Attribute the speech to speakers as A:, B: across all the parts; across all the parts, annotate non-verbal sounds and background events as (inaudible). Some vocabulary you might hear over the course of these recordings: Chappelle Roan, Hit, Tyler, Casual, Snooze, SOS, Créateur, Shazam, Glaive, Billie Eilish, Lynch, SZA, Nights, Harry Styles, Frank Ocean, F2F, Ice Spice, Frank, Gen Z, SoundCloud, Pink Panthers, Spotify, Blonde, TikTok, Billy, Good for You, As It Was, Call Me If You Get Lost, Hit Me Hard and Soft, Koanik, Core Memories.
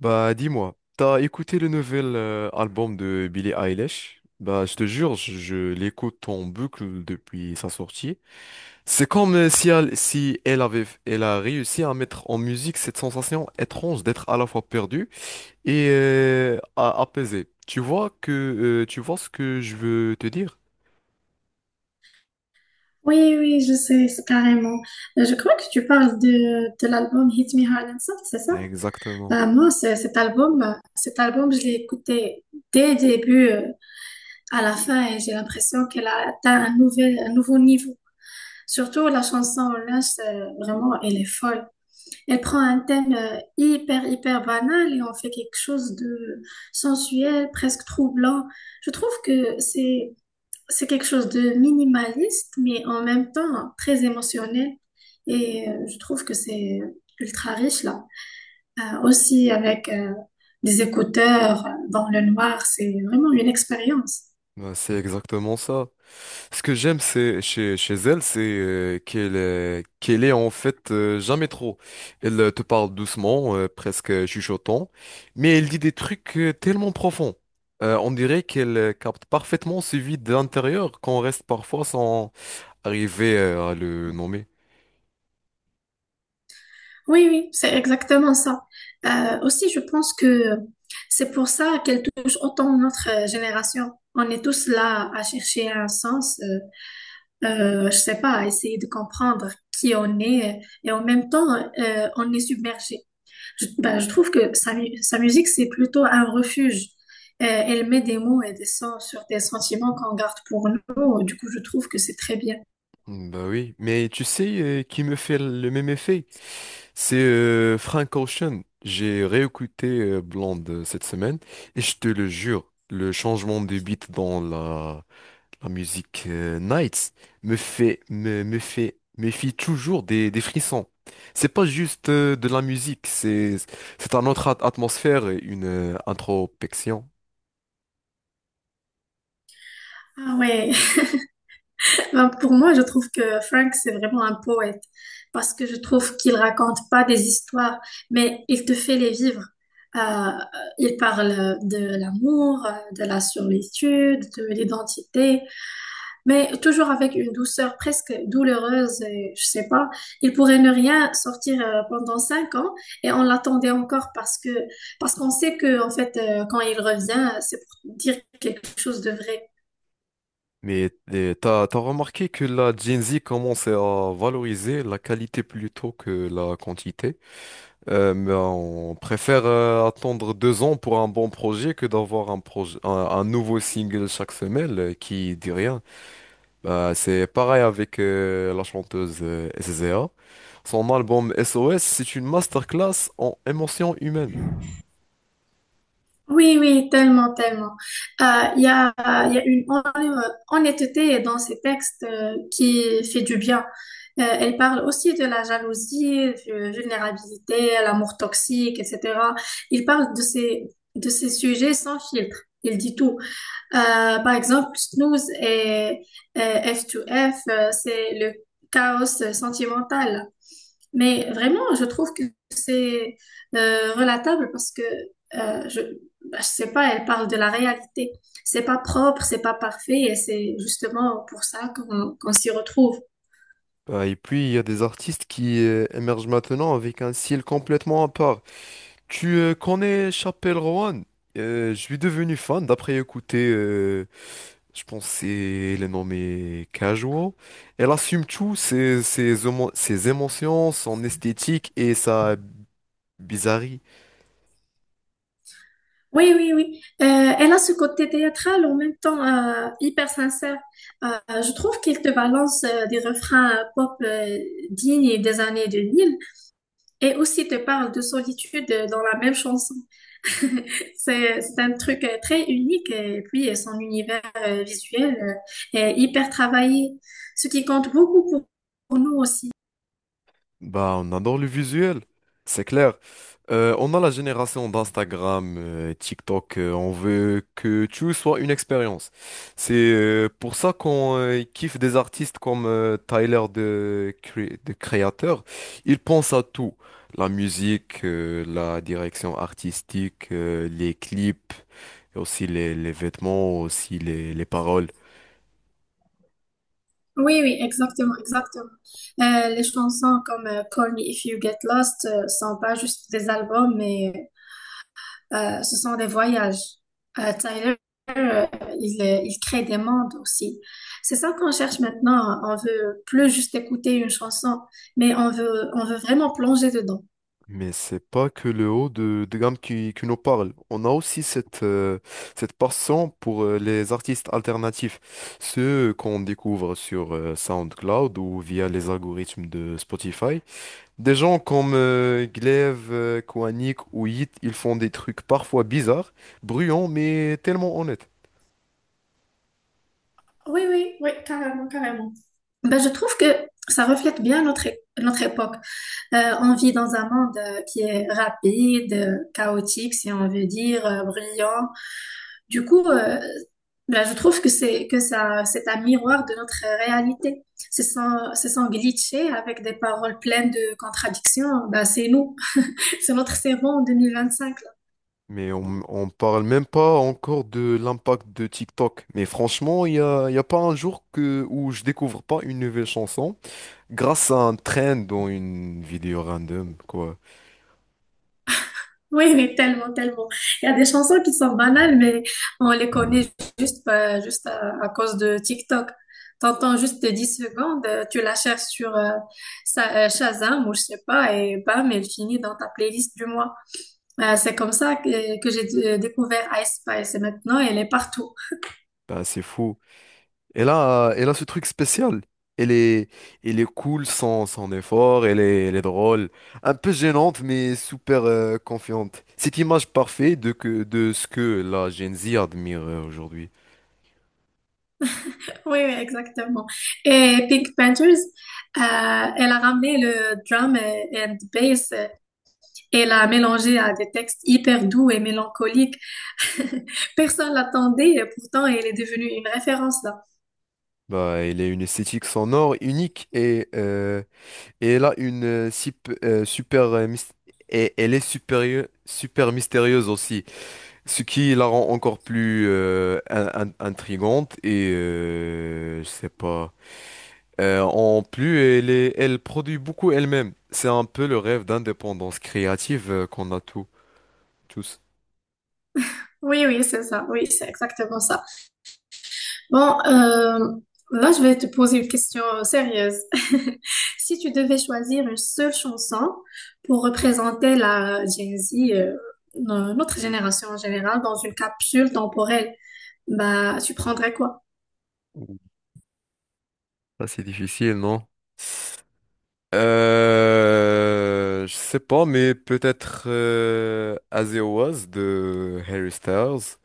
A: Bah dis-moi, t'as écouté le nouvel album de Billie Eilish? Bah je te jure, je l'écoute en boucle depuis sa sortie. C'est comme si elle, si elle avait, elle a réussi à mettre en musique cette sensation étrange d'être à la fois perdue et apaisée. Tu vois ce que je veux te dire?
B: Oui, oui, je sais, c'est carrément. Je crois que tu parles de l'album Hit Me Hard and Soft, c'est ça?
A: Exactement.
B: Moi, cet album, je l'ai écouté dès le début à la fin, et j'ai l'impression qu'elle a atteint un nouveau niveau. Surtout la chanson Lynch, vraiment, elle est folle. Elle prend un thème hyper banal et en fait quelque chose de sensuel, presque troublant. Je trouve que c'est quelque chose de minimaliste, mais en même temps très émotionnel. Et je trouve que c'est ultra riche là. Aussi avec des écouteurs dans le noir, c'est vraiment une expérience.
A: Ben, c'est exactement ça. Ce que j'aime c'est chez elle, c'est qu'elle est en fait jamais trop. Elle te parle doucement, presque chuchotant, mais elle dit des trucs tellement profonds. On dirait qu'elle capte parfaitement ce vide de l'intérieur qu'on reste parfois sans arriver à le nommer.
B: Oui, oui, c'est exactement ça. Aussi, je pense que c'est pour ça qu'elle touche autant notre génération. On est tous là à chercher un sens, je sais pas, à essayer de comprendre qui on est, et en même temps, on est submergé. Je trouve que sa musique, c'est plutôt un refuge. Elle met des mots et des sons sur des sentiments qu'on garde pour nous. Du coup, je trouve que c'est très bien.
A: Mm, bah oui, mais tu sais qui me fait le même effet? C'est Frank Ocean. J'ai réécouté Blonde cette semaine et je te le jure, le changement de beat dans la musique Nights me fait toujours des frissons. C'est pas juste de la musique, c'est un autre atmosphère, et une introspection.
B: Ah ouais, (laughs) ben, pour moi, je trouve que Frank, c'est vraiment un poète, parce que je trouve qu'il raconte pas des histoires, mais il te fait les vivre. Euh, il parle de l'amour, de la solitude, de l'identité, mais toujours avec une douceur presque douloureuse, et je sais pas. Il pourrait ne rien sortir pendant 5 ans et on l'attendait encore parce qu'on sait que en fait quand il revient, c'est pour dire quelque chose de vrai.
A: Mais t'as remarqué que la Gen Z commence à valoriser la qualité plutôt que la quantité? Mais on préfère attendre 2 ans pour un bon projet que d'avoir un projet, un nouveau single chaque semaine qui dit rien. Bah, c'est pareil avec la chanteuse SZA. Son album SOS, c'est une masterclass en émotion humaine.
B: Oui, oui, tellement, tellement. Euh, Il y a, il y a une honnêteté dans ces textes qui fait du bien. Elle parle aussi de la jalousie, de vulnérabilité, l'amour toxique, etc. Il parle de ces sujets sans filtre. Il dit tout. Par exemple, et F2F, c'est le chaos sentimental. Mais vraiment, je trouve que c'est relatable parce que euh, je, je sais pas, elle parle de la réalité. C'est pas propre, c'est pas parfait, et c'est justement pour ça qu'on s'y retrouve.
A: Bah, et puis, il y a des artistes qui émergent maintenant avec un style complètement à part. Tu connais Chappelle Roan? Je suis devenu fan d'après écouter, je pense que c'est le nom mais Casual. Elle assume tout, ses émotions, son esthétique et sa bizarrerie.
B: Oui, oui, oui. Elle a ce côté théâtral en même temps hyper sincère. Je trouve qu'elle te balance des refrains pop dignes des années 2000, et aussi te parle de solitude dans la même chanson. (laughs) C'est un truc très unique et puis son univers visuel est hyper travaillé, ce qui compte beaucoup pour nous aussi.
A: Bah, on adore le visuel, c'est clair. On a la génération d'Instagram, TikTok, on veut que tout soit une expérience. C'est pour ça qu'on kiffe des artistes comme Tyler, de Créateur. Il pense à tout, la musique, la direction artistique, les clips, et aussi les vêtements, aussi les paroles.
B: Oui, oui, exactement, exactement. Les chansons comme Call Me If You Get Lost sont pas juste des albums, mais ce sont des voyages. Euh, Tyler, euh, il crée des mondes aussi. C'est ça qu'on cherche maintenant. On veut plus juste écouter une chanson, mais on veut vraiment plonger dedans.
A: Mais c'est pas que le haut de gamme qui nous parle. On a aussi cette passion pour les artistes alternatifs, ceux qu'on découvre sur SoundCloud ou via les algorithmes de Spotify. Des gens comme Glaive, Koanik ou Hit, ils font des trucs parfois bizarres, bruyants, mais tellement honnêtes.
B: Oui, oui, oui, carrément, carrément. Ben, je trouve que ça reflète bien notre époque. On vit dans un monde qui est rapide, chaotique, si on veut dire, brillant. Du coup, je trouve que c'est un miroir de notre réalité. C'est sans glitcher, avec des paroles pleines de contradictions. Ben, c'est nous, (laughs) c'est notre cerveau en 2025.
A: Mais on parle même pas encore de l'impact de TikTok. Mais franchement, il y a pas un jour où je découvre pas une nouvelle chanson grâce à un trend dans une vidéo random, quoi.
B: Oui, oui, tellement, tellement. Il y a des chansons qui sont banales, mais on les connaît juste, juste à cause de TikTok. T'entends juste 10 secondes, tu la cherches sur Shazam ou je sais pas, et bam, elle finit dans ta playlist du mois. C'est comme ça que j'ai découvert Ice Spice, et maintenant elle est partout. (laughs)
A: Bah, c'est fou. Et là, elle a ce truc spécial. Elle est, Elle est cool sans effort, elle est drôle. Un peu gênante, mais super confiante. Cette image parfaite de ce que la Gen Z admire aujourd'hui.
B: Oui, oui, exactement. Et Pink Panthers, elle a ramené le drum and bass, et l'a mélangé à des textes hyper doux et mélancoliques. (laughs) Personne l'attendait, et pourtant elle est devenue une référence là.
A: Bah, elle a une esthétique sonore unique et elle a une super et elle est super mystérieuse aussi. Ce qui la rend encore plus intrigante et je sais pas. En plus, elle produit beaucoup elle-même. C'est un peu le rêve d'indépendance créative qu'on a tous, tous.
B: Oui, oui, c'est ça. Oui, c'est exactement ça. Bon, là, je vais te poser une question sérieuse. (laughs) Si tu devais choisir une seule chanson pour représenter la Gen Z, notre génération en général, dans une capsule temporelle, bah, tu prendrais quoi?
A: Ouh. Ça, c'est difficile, non? Je sais pas, mais peut-être As It Was de Harry Styles.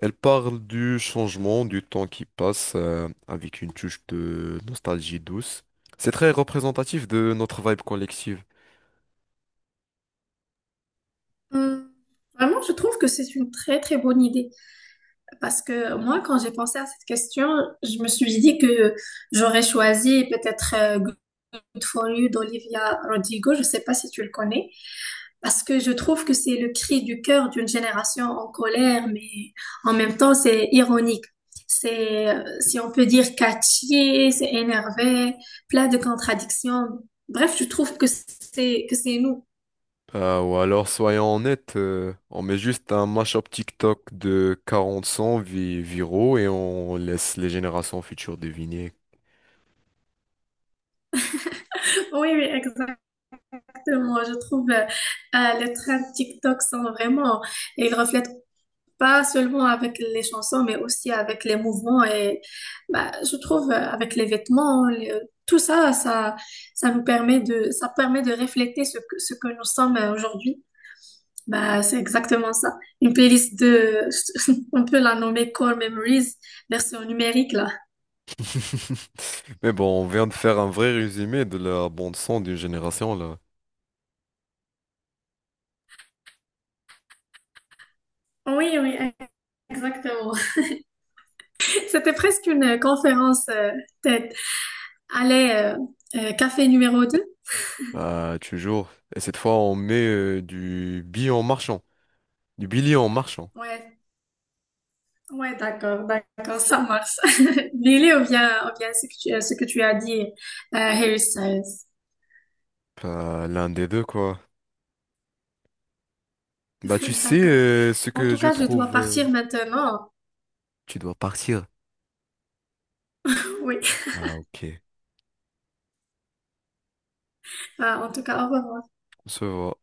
A: Elle parle du changement, du temps qui passe avec une touche de nostalgie douce. C'est très représentatif de notre vibe collective.
B: Hmm, vraiment, je trouve que c'est une très très bonne idée. Parce que moi, quand j'ai pensé à cette question, je me suis dit que j'aurais choisi peut-être Good for You d'Olivia Rodrigo. Je ne sais pas si tu le connais. Parce que je trouve que c'est le cri du cœur d'une génération en colère, mais en même temps, c'est ironique. C'est, si on peut dire, catchy, c'est énervé, plein de contradictions. Bref, je trouve que que c'est nous.
A: Ou alors, soyons honnêtes, on met juste un mashup TikTok de 40 sons viraux et on laisse les générations futures deviner.
B: (laughs) Oui, oui, exactement. Je trouve les trends TikTok sont vraiment, ils reflètent pas seulement avec les chansons, mais aussi avec les mouvements et bah, je trouve avec les vêtements, tout ça, ça nous permet ça permet de refléter ce que nous sommes aujourd'hui. Bah, c'est exactement ça. Une playlist de, (laughs) on peut la nommer Core Memories, version numérique là.
A: (laughs) Mais bon, on vient de faire un vrai résumé de la bande son d'une génération là.
B: Oui, oui, exactement. (laughs) C'était presque une conférence TED. Allez, café numéro deux.
A: Bah, toujours. Et cette fois, on met du billet en marchant. Du billet en marchant.
B: Ouais, ouais, d'accord, d'accord, ça marche. (laughs) Billy, on vient à ce que à ce que tu as dit, Harry Styles.
A: Bah, l'un des deux, quoi. Bah, tu
B: (laughs)
A: sais
B: D'accord.
A: ce
B: En
A: que
B: tout
A: je
B: cas, je dois
A: trouve.
B: partir maintenant.
A: Tu dois partir.
B: Oui.
A: Ah, ok.
B: En tout cas, au revoir.
A: On se voit.